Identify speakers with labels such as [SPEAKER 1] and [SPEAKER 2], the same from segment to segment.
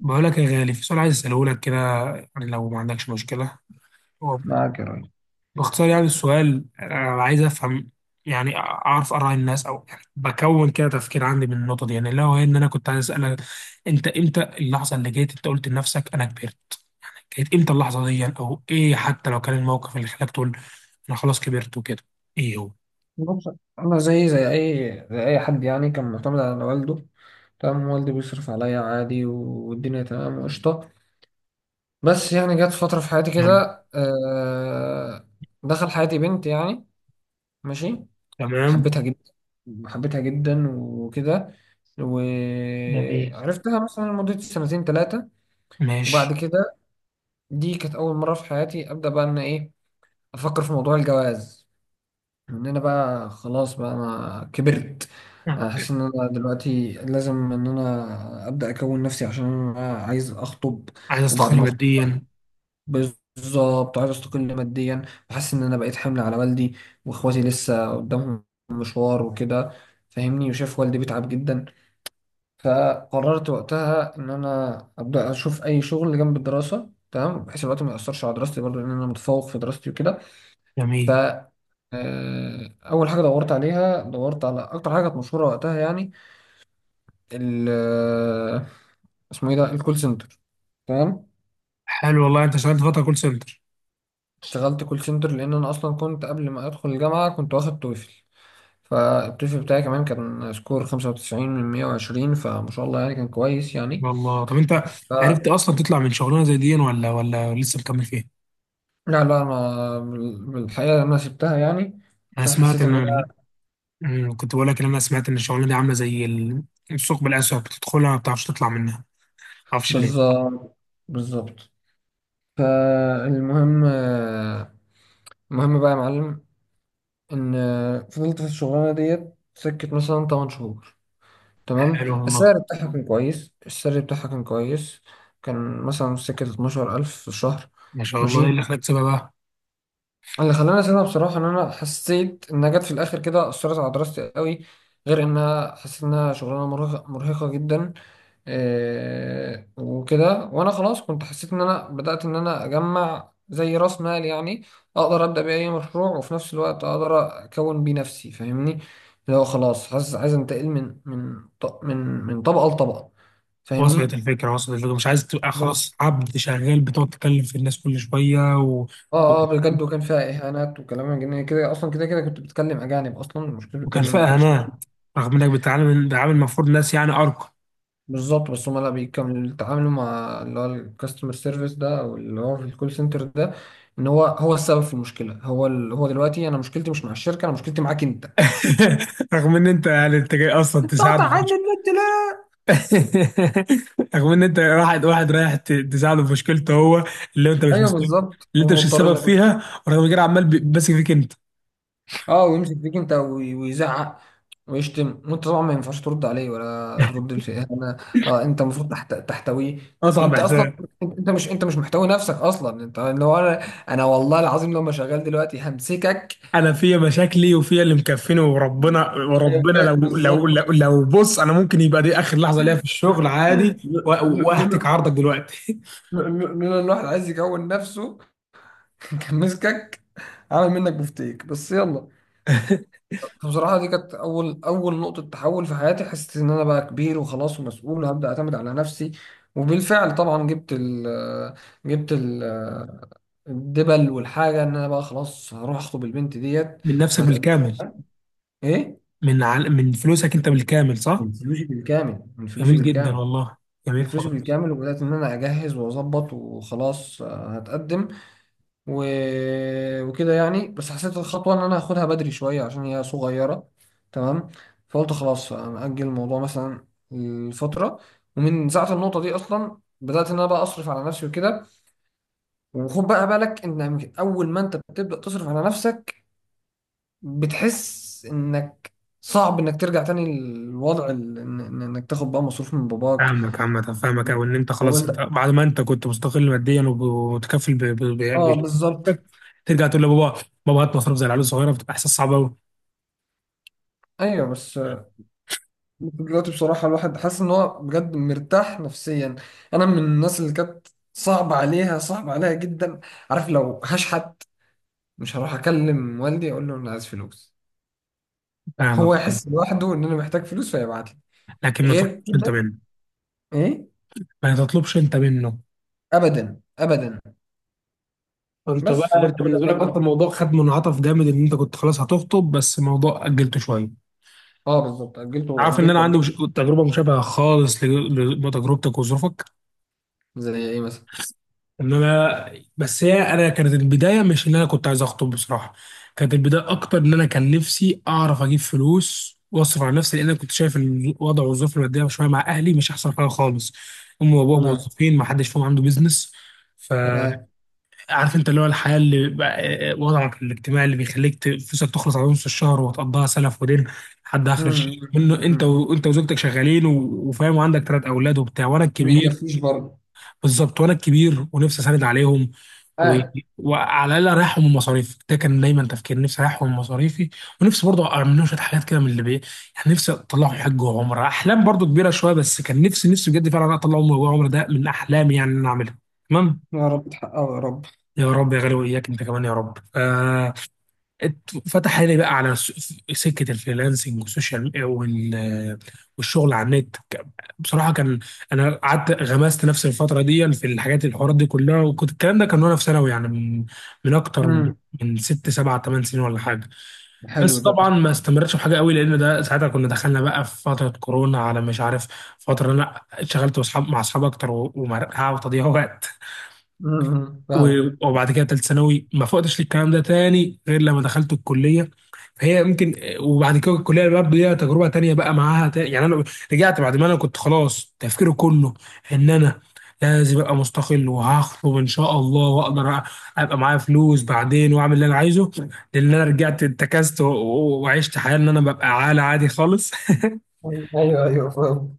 [SPEAKER 1] بقول لك يا غالي، في سؤال عايز اساله لك كده، يعني لو ما عندكش مشكله. هو
[SPEAKER 2] معاك يا راجل.
[SPEAKER 1] باختصار، يعني السؤال انا عايز افهم، يعني اعرف اراء الناس، او يعني بكون كده تفكير عندي من النقطه دي. يعني لو هي ان انا كنت عايز اسالك: انت امتى اللحظه اللي جيت انت قلت لنفسك انا كبرت؟ كانت امتى اللحظه دي يعني، او ايه حتى لو كان الموقف اللي خلاك تقول انا خلاص كبرت وكده؟ ايه هو؟
[SPEAKER 2] بص، انا زي اي حد، يعني كان معتمد على والده. تمام. والدي بيصرف عليا عادي، والدنيا تمام وقشطه. بس يعني جت فتره في حياتي
[SPEAKER 1] حلو.
[SPEAKER 2] كده، دخل حياتي بنت يعني. ماشي.
[SPEAKER 1] تمام.
[SPEAKER 2] حبيتها جدا، حبيتها جدا وكده.
[SPEAKER 1] جميل.
[SPEAKER 2] وعرفتها مثلا لمده سنتين ثلاثه، وبعد
[SPEAKER 1] ماشي.
[SPEAKER 2] كده دي كانت اول مره في حياتي ابدا بقى ان ايه افكر في موضوع الجواز. ان انا بقى خلاص، بقى انا كبرت. انا حاسس ان انا دلوقتي لازم ان انا ابدا اكون نفسي عشان انا عايز اخطب،
[SPEAKER 1] عايز
[SPEAKER 2] وبعد
[SPEAKER 1] استقل
[SPEAKER 2] ما اخطب
[SPEAKER 1] ماديا.
[SPEAKER 2] بالظبط عايز استقل ماديا. وحاسس ان انا بقيت حمل على والدي، واخواتي لسه قدامهم مشوار وكده. فاهمني؟ وشاف والدي بيتعب جدا، فقررت وقتها ان انا ابدا اشوف اي شغل جنب الدراسه، تمام، بحيث الوقت ما ياثرش على دراستي برضه لان انا متفوق في دراستي وكده. ف
[SPEAKER 1] جميل.
[SPEAKER 2] آه، اول حاجه دورت على اكتر حاجه كانت مشهوره وقتها يعني. ال آه، اسمه ايه ده الكول سنتر. تمام.
[SPEAKER 1] حلو والله، انت اشتغلت فتره كول سنتر؟
[SPEAKER 2] اشتغلت كول سنتر لان انا اصلا كنت قبل ما ادخل الجامعه كنت واخد توفل، فالتوفل بتاعي كمان كان سكور 95 من 120، فما شاء الله يعني كان كويس يعني.
[SPEAKER 1] شاء الله. طب انت
[SPEAKER 2] ف
[SPEAKER 1] عرفت اصلا تطلع من شغلانه زي دي ولا لسه مكمل فيها؟
[SPEAKER 2] لا، لا، انا بالحقيقه انا سبتها يعني
[SPEAKER 1] انا
[SPEAKER 2] عشان
[SPEAKER 1] سمعت
[SPEAKER 2] حسيت
[SPEAKER 1] ان
[SPEAKER 2] ان انا.
[SPEAKER 1] كنت بقول لك ان انا سمعت ان الشغلانه دي عامله زي الثقب الاسود، بتدخلها ما بتعرفش تطلع منها، ما اعرفش ليه.
[SPEAKER 2] بالظبط. بالظبط. فالمهم آه، المهم بقى يا معلم ان فضلت في الشغلانه ديت سكت مثلا 8 شهور. تمام.
[SPEAKER 1] حلو والله.
[SPEAKER 2] السعر بتاعها كان كويس، السعر بتاعها كان كويس. كان مثلا سكه 12000 في الشهر.
[SPEAKER 1] ما شاء الله. ايه
[SPEAKER 2] ماشي.
[SPEAKER 1] اللي خلاك تسيبها بقى؟
[SPEAKER 2] اللي خلاني اسيبها بصراحه ان انا حسيت انها جت في الاخر كده اثرت على دراستي قوي، غير انها حسيت انها شغلانه مرهقه، مرهقه جدا. إيه وكده، وانا خلاص كنت حسيت ان انا بدات ان انا اجمع زي راس مال يعني، اقدر ابدا بيه اي مشروع، وفي نفس الوقت اقدر اكون بيه نفسي. فاهمني؟ اللي هو خلاص حاسس عايز انتقل من من ط- من من طبقه لطبقه.
[SPEAKER 1] وصلت
[SPEAKER 2] فاهمني؟
[SPEAKER 1] الفكره، وصلت الفكره، مش عايز تبقى خلاص عبد شغال بتقعد تتكلم في الناس كل شويه و... و-
[SPEAKER 2] اه، اه، بجد، وكان فيها اهانات وكلام من جنيه، كده اصلا كده كده كنت بتكلم اجانب، اصلا مش كنت بتكلم، ما
[SPEAKER 1] وكرفاء
[SPEAKER 2] كنتش.
[SPEAKER 1] هناء، رغم انك بتتعامل بتعامل المفروض ناس يعني ارقى.
[SPEAKER 2] بالظبط. بس هم لا بيكملوا يتعاملوا مع اللي هو الكاستمر سيرفيس ده، او اللي هو في الكول سنتر ده، ان هو السبب في المشكله. هو هو دلوقتي انا مشكلتي مش مع الشركه، انا مشكلتي معاك انت.
[SPEAKER 1] رغم ان انت يعني انت جاي اصلا تساعد.
[SPEAKER 2] قطع عني النت ليه؟
[SPEAKER 1] رغم ان انت واحد واحد رايح تساعده في مشكلته هو، اللي انت مش
[SPEAKER 2] ايوه
[SPEAKER 1] مسؤول،
[SPEAKER 2] بالظبط،
[SPEAKER 1] اللي انت مش
[SPEAKER 2] ومضطر
[SPEAKER 1] السبب
[SPEAKER 2] انك.
[SPEAKER 1] فيها، ورغم كده عمال ماسك فيك انت.
[SPEAKER 2] اه ويمسك فيك انت، ويزعق، ويشتم، وانت طبعا ما ينفعش ترد عليه ولا ترد لشيء. انا. اه، انت المفروض تحتويه.
[SPEAKER 1] اصعب
[SPEAKER 2] وانت اصلا،
[SPEAKER 1] احساس.
[SPEAKER 2] انت مش محتوي نفسك اصلا، انت لو انا. انا والله العظيم لما شغال دلوقتي همسكك.
[SPEAKER 1] انا فيا مشاكلي وفيا اللي مكفيني، وربنا
[SPEAKER 2] أيوة،
[SPEAKER 1] وربنا لو لو
[SPEAKER 2] بالظبط.
[SPEAKER 1] لو, لو بص، انا ممكن يبقى دي اخر لحظه ليا في الشغل عادي،
[SPEAKER 2] ل- ل-
[SPEAKER 1] واهتك
[SPEAKER 2] لولا
[SPEAKER 1] عرضك دلوقتي.
[SPEAKER 2] لولا ان الواحد عايز يكون نفسه، كان مسكك، عامل منك بفتيك، بس يلا. فبصراحة، دي كانت أول، أول نقطة تحول في حياتي. حسيت إن أنا بقى كبير وخلاص ومسؤول، وهبدأ أعتمد على نفسي. وبالفعل طبعا جبت ال جبت ال الدبل، والحاجة إن أنا بقى خلاص هروح أخطب البنت ديت،
[SPEAKER 1] من نفسك
[SPEAKER 2] وهتقدم.
[SPEAKER 1] بالكامل؟
[SPEAKER 2] إيه؟
[SPEAKER 1] من فلوسك انت بالكامل صح؟
[SPEAKER 2] من فلوسي بالكامل، من فلوسي
[SPEAKER 1] جميل جدا
[SPEAKER 2] بالكامل،
[SPEAKER 1] والله،
[SPEAKER 2] من
[SPEAKER 1] جميل
[SPEAKER 2] فلوسي
[SPEAKER 1] خالص.
[SPEAKER 2] بالكامل. وبدأت إن أنا أجهز وأظبط وخلاص، هتقدم. و... وكده يعني، بس حسيت الخطوة إن أنا هاخدها بدري شوية عشان هي صغيرة. تمام. فقلت خلاص أجل الموضوع مثلا لفترة، ومن ساعة النقطة دي أصلا بدأت إن أنا بقى أصرف على نفسي وكده. وخد بقى بالك إن أول ما أنت بتبدأ تصرف على نفسك، بتحس إنك صعب إنك ترجع تاني للوضع إنك تاخد بقى مصروف من باباك.
[SPEAKER 1] فاهمك عامة، فاهمك، أو إن أنت خلاص
[SPEAKER 2] أول
[SPEAKER 1] أنت
[SPEAKER 2] ده،
[SPEAKER 1] بعد ما أنت كنت مستقل ماديا، ومتكفل
[SPEAKER 2] آه،
[SPEAKER 1] ب-
[SPEAKER 2] بالظبط.
[SPEAKER 1] ترجع تقول لبابا: بابا هات مصروف زي العيال الصغيرة، بتبقى إحساس صعب أوي.
[SPEAKER 2] أيوه، بس، دلوقتي بصراحة الواحد حاسس إن هو بجد مرتاح نفسيا. أنا من الناس اللي كانت صعب عليها، صعب عليها جدا. عارف لو هشحت مش هروح أكلم والدي أقول له أنا عايز فلوس،
[SPEAKER 1] فاهمك.
[SPEAKER 2] هو يحس لوحده إن أنا محتاج فلوس فيبعت لي.
[SPEAKER 1] لكن ما
[SPEAKER 2] غير
[SPEAKER 1] تطلبش أنت
[SPEAKER 2] كده.
[SPEAKER 1] منه.
[SPEAKER 2] إيه؟
[SPEAKER 1] ما تطلبش أنت منه.
[SPEAKER 2] أبدا، أبدا.
[SPEAKER 1] أنت
[SPEAKER 2] بس
[SPEAKER 1] بقى،
[SPEAKER 2] فالواحد
[SPEAKER 1] أنت
[SPEAKER 2] بدأ
[SPEAKER 1] بالنسبة
[SPEAKER 2] بقى
[SPEAKER 1] لك أصلا الموضوع خد منعطف جامد، إن أنت كنت خلاص هتخطب بس الموضوع أجلته شوية.
[SPEAKER 2] أه بالظبط، أجلته،
[SPEAKER 1] عارف إن أنا
[SPEAKER 2] أجلته،
[SPEAKER 1] عندي مش...
[SPEAKER 2] أجلته.
[SPEAKER 1] تجربة مشابهة خالص لتجربتك وظروفك.
[SPEAKER 2] زي إيه مثلا؟
[SPEAKER 1] ان انا، بس هي انا كانت البدايه مش ان انا كنت عايز اخطب بصراحه. كانت البدايه اكتر ان انا كان نفسي اعرف اجيب فلوس واصرف على نفسي، لان انا كنت شايف الوضع والظروف الماديه شويه مع اهلي مش احسن حاجه خالص. امي وابوها
[SPEAKER 2] تمام،
[SPEAKER 1] موظفين، ما حدش فيهم عنده بيزنس.
[SPEAKER 2] تمام.
[SPEAKER 1] فعارف انت اللي هو الحياه اللي بقى، وضعك الاجتماعي اللي بيخليك فلوسك تخلص على نص الشهر وتقضيها سلف ودين لحد
[SPEAKER 2] مم.
[SPEAKER 1] اخر الشهر
[SPEAKER 2] مم،
[SPEAKER 1] منه، انت
[SPEAKER 2] مم.
[SPEAKER 1] وانت وزوجتك شغالين وفاهم، وعندك ثلاث اولاد وبتاع، وانا
[SPEAKER 2] ما
[SPEAKER 1] الكبير.
[SPEAKER 2] بيكفيش برضه.
[SPEAKER 1] بالظبط، وانا الكبير ونفسي اساند عليهم. و...
[SPEAKER 2] آه.
[SPEAKER 1] وعلى الاقل اريحهم من مصاريفي، ده كان دايما تفكير نفسي اريحهم من مصاريفي. ونفسي برضه اعمل لهم شويه حاجات كده من اللي بي، يعني نفسي اطلعهم حج وعمره، احلام برضه كبيره شويه بس كان نفسي نفسي بجد فعلا اطلعهم حج وعمره، ده من احلامي يعني ان انا اعملها. تمام.
[SPEAKER 2] يا رب تحققه يا رب.
[SPEAKER 1] يا رب يا غالي، واياك انت كمان يا رب. فتح لي بقى على سكه الفريلانسنج والسوشيال والشغل على النت بصراحه كان انا قعدت غمست نفسي الفتره دي في الحاجات الحوارات دي كلها، وكنت الكلام ده كان وانا في ثانوي يعني، من من اكتر من
[SPEAKER 2] مم.
[SPEAKER 1] من ست سبع ثمان سنين ولا حاجه.
[SPEAKER 2] حلو
[SPEAKER 1] بس
[SPEAKER 2] ده.
[SPEAKER 1] طبعا ما استمرتش في حاجه قوي، لان ده ساعتها كنا دخلنا بقى في فتره كورونا، على مش عارف، فتره انا اشتغلت واصحاب مع اصحاب اكتر، ومرقعه وتضييع وقت،
[SPEAKER 2] مم. مم. فاهم.
[SPEAKER 1] وبعد كده تالت ثانوي ما فقتش للكلام ده تاني غير لما دخلت الكليه. فهي ممكن. وبعد كده الكليه برضه ليها تجربه تانية بقى معاها، يعني انا رجعت بعد ما انا كنت خلاص تفكيري كله ان انا لازم ابقى مستقل وهخطب ان شاء الله، واقدر ابقى معايا فلوس بعدين واعمل اللي انا عايزه، لان انا رجعت اتكست وعشت حياه ان انا ببقى عالة عادي خالص.
[SPEAKER 2] ايوه، ايوه، فاهم.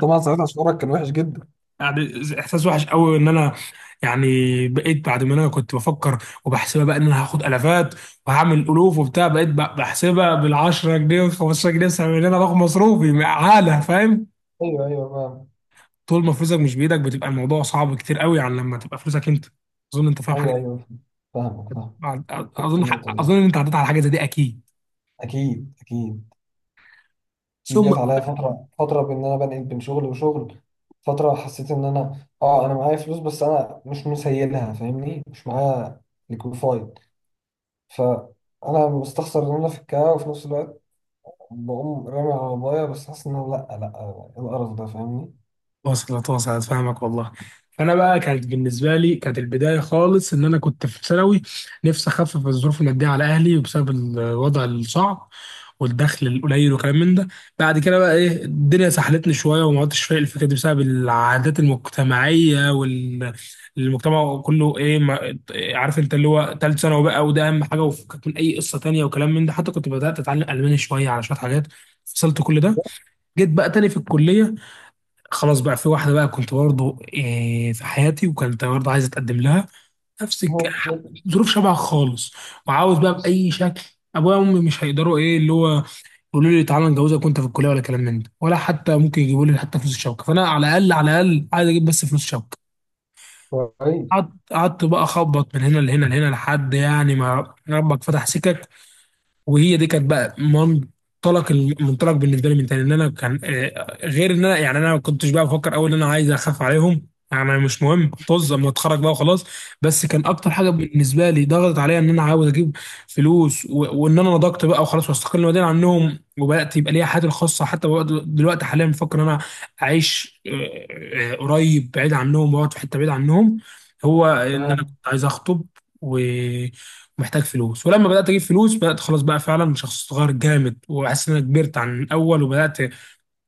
[SPEAKER 2] طبعا ساعتها شعورك كان وحش جدا.
[SPEAKER 1] يعني احساس وحش قوي ان انا، يعني بقيت بعد ما انا كنت بفكر وبحسبها بقى ان انا هاخد الافات وهعمل الوف وبتاع، بقيت بحسبها بال 10 جنيه وال 15 جنيه بسبب ان انا باخد مصروفي عاله، فاهم؟
[SPEAKER 2] ايوه، ايوه، فاهم.
[SPEAKER 1] طول ما فلوسك مش بايدك بتبقى الموضوع صعب كتير قوي عن لما تبقى فلوسك انت. اظن انت فاهم حاجه.
[SPEAKER 2] ايوه، ايوه، فاهمك، فاهم. فاهم
[SPEAKER 1] اظن
[SPEAKER 2] النقطه دي.
[SPEAKER 1] اظن انت عديت على حاجه زي دي اكيد.
[SPEAKER 2] اكيد، اكيد. اكيد
[SPEAKER 1] ثم،
[SPEAKER 2] جت عليا فتره، فتره بان انا بنقل بين شغل وشغل. فتره حسيت ان انا معايا فلوس، بس انا مش مسيلها، فاهمني، مش معايا. ليكويفايد. فانا مستخسر ان انا في الكاو، وفي نفس الوقت بقوم رامي على بابايا، بس حاسس ان أنا لا، لا، إيه القرف ده. فاهمني؟
[SPEAKER 1] وصلت وصلت. فاهمك والله. انا بقى كانت بالنسبه لي كانت البدايه خالص ان انا كنت في ثانوي، نفسي اخفف الظروف الماديه على اهلي بسبب الوضع الصعب والدخل القليل وكلام من ده. بعد كده بقى ايه، الدنيا سحلتني شويه وما عدتش فايق الفكره دي بسبب العادات المجتمعيه والمجتمع كله، ايه ما... عارف انت اللي هو ثالث ثانوي بقى، وده اهم حاجه وفكك من اي قصه تانيه وكلام من ده. حتى كنت بدات اتعلم الماني شويه على شويه حاجات، فصلت كل ده.
[SPEAKER 2] لا.
[SPEAKER 1] جيت بقى تاني في الكليه، خلاص بقى في واحدة بقى كنت برضه إيه في حياتي، وكنت برضه عايز أتقدم لها نفس
[SPEAKER 2] هو كويس.
[SPEAKER 1] ظروف شبه خالص. وعاوز بقى بأي شكل. أبويا وأمي مش هيقدروا، إيه اللي هو يقولوا لي تعالى نجوزك وأنت في الكلية ولا كلام من ده، ولا حتى ممكن يجيبوا لي حتى فلوس الشبكة، فأنا على الأقل على الأقل عايز أجيب بس فلوس شبكة. قعدت قعدت بقى أخبط من هنا لهنا لهنا لحد يعني ما ربك فتح سكك. وهي دي كانت بقى منطلق المنطلق بالنسبه لي من تاني، ان انا كان، غير ان انا يعني انا ما كنتش بقى بفكر اول ان انا عايز اخاف عليهم يعني، مش مهم طز اما اتخرج بقى وخلاص. بس كان اكتر حاجه بالنسبه لي ضغطت عليا ان انا عاوز اجيب فلوس، و... وان انا نضجت بقى وخلاص واستقل ماديا عنهم، وبدات يبقى ليا حياتي الخاصه. حتى بقى دلوقتي حاليا بفكر ان انا اعيش، قريب بعيد عنهم واقعد في حته بعيد عنهم. هو ان انا كنت
[SPEAKER 2] تمام.
[SPEAKER 1] عايز اخطب و... محتاج فلوس، ولما بدات اجيب فلوس بدات خلاص بقى فعلا شخص صغير جامد، وحاسس ان انا كبرت عن الاول وبدات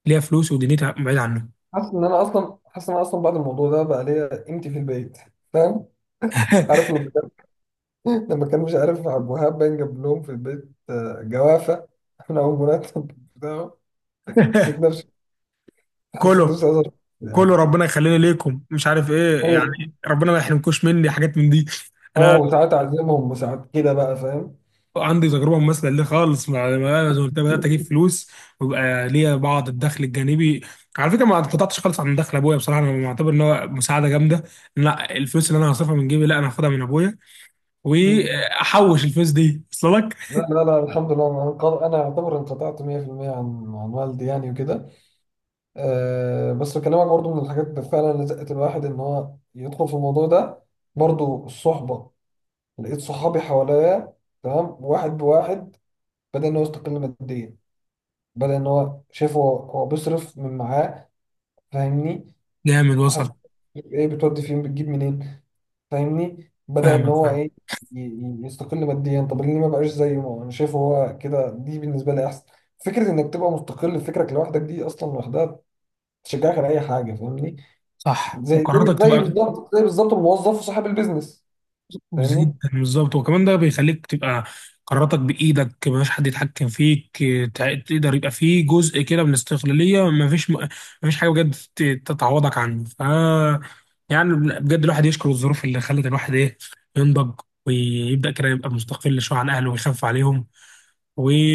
[SPEAKER 1] ليا فلوس ودنيتي بعيد عنه.
[SPEAKER 2] حاسس ان انا اصلا بعد الموضوع ده بقى ليا قيمتي في البيت. فاهم؟ عارف لما كان. لما كان مش عارف عبد الوهاب باين جاب لهم في البيت جوافه من اول مرتب بتاعه. حسيت نفسي حسيت
[SPEAKER 1] كله،
[SPEAKER 2] نفسي أزر،
[SPEAKER 1] كله
[SPEAKER 2] يعني.
[SPEAKER 1] ربنا يخليني ليكم مش عارف ايه، يعني ربنا ما يحرمكوش مني حاجات من دي.
[SPEAKER 2] اه،
[SPEAKER 1] انا
[SPEAKER 2] وساعات اعزمهم، وساعات كده بقى. فاهم؟
[SPEAKER 1] عندي تجربه مماثله ليه خالص زي ما قلت لك، بدات اجيب فلوس ويبقى ليا بعض الدخل الجانبي. على فكره ما انقطعتش خالص عن دخل ابويا بصراحه، انا معتبر ان هو مساعده جامده. لا الفلوس اللي انا هصرفها من جيبي، لا انا هاخدها من ابويا
[SPEAKER 2] مم.
[SPEAKER 1] واحوش الفلوس دي. وصل لك؟
[SPEAKER 2] لا، لا، لا، الحمد لله، انا اعتبر انقطعت 100% عن والدي يعني وكده. أه، بس بكلمك برضو من الحاجات اللي فعلا لزقت الواحد ان هو يدخل في الموضوع ده، برضو الصحبه. لقيت صحابي حواليا، تمام، واحد بواحد، بدأ إن هو يستقل ماديا، بدأ إن هو شايف هو بيصرف من معاه. فاهمني؟
[SPEAKER 1] جامد
[SPEAKER 2] محدش
[SPEAKER 1] وصل.
[SPEAKER 2] بيقول إيه، بتودي فين، بتجيب منين. فاهمني؟ بدأ إن
[SPEAKER 1] فاهمك.
[SPEAKER 2] هو
[SPEAKER 1] فاهم.
[SPEAKER 2] إيه، يستقل ماديا. طب ليه ما بقاش زيه، ما هو أنا شايفه هو كده، دي بالنسبة لي أحسن. فكرة إنك تبقى مستقل بفكرك لوحدك دي أصلا لوحدها تشجعك على أي حاجة. فاهمني؟
[SPEAKER 1] صح.
[SPEAKER 2] زي زي
[SPEAKER 1] وقراراتك
[SPEAKER 2] زي
[SPEAKER 1] تبقى
[SPEAKER 2] بالظبط، زي بالظبط، الموظف وصاحب البيزنس. فاهمني؟
[SPEAKER 1] جدا بالظبط، وكمان ده بيخليك تبقى قراراتك بايدك، مفيش حد يتحكم فيك، تقدر يبقى فيه جزء كده من الاستقلاليه، مفيش مفيش حاجه بجد تتعوضك عنه. يعني بجد، الواحد يشكر الظروف اللي خلت الواحد ايه، ينضج ويبدا كده يبقى مستقل شويه عن اهله ويخاف عليهم.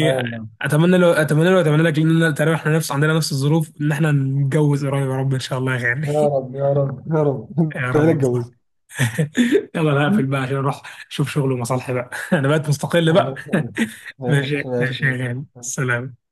[SPEAKER 2] اه والله.
[SPEAKER 1] لو، اتمنى لو اتمنى لك، لان تقريبا احنا نفس عندنا نفس الظروف، ان احنا نتجوز قريب يا رب ان شاء الله يا غالي.
[SPEAKER 2] يا رب، يا رب، يا رب،
[SPEAKER 1] يا
[SPEAKER 2] تعالى
[SPEAKER 1] رب.
[SPEAKER 2] اتجوز.
[SPEAKER 1] يلا انا هقفل بقى عشان اروح اشوف شغل ومصالحي بقى. انا بقيت مستقل بقى.
[SPEAKER 2] الله يسلمك. ماشي،
[SPEAKER 1] ماشي ماشي
[SPEAKER 2] ماشي.
[SPEAKER 1] يا غالي سلام.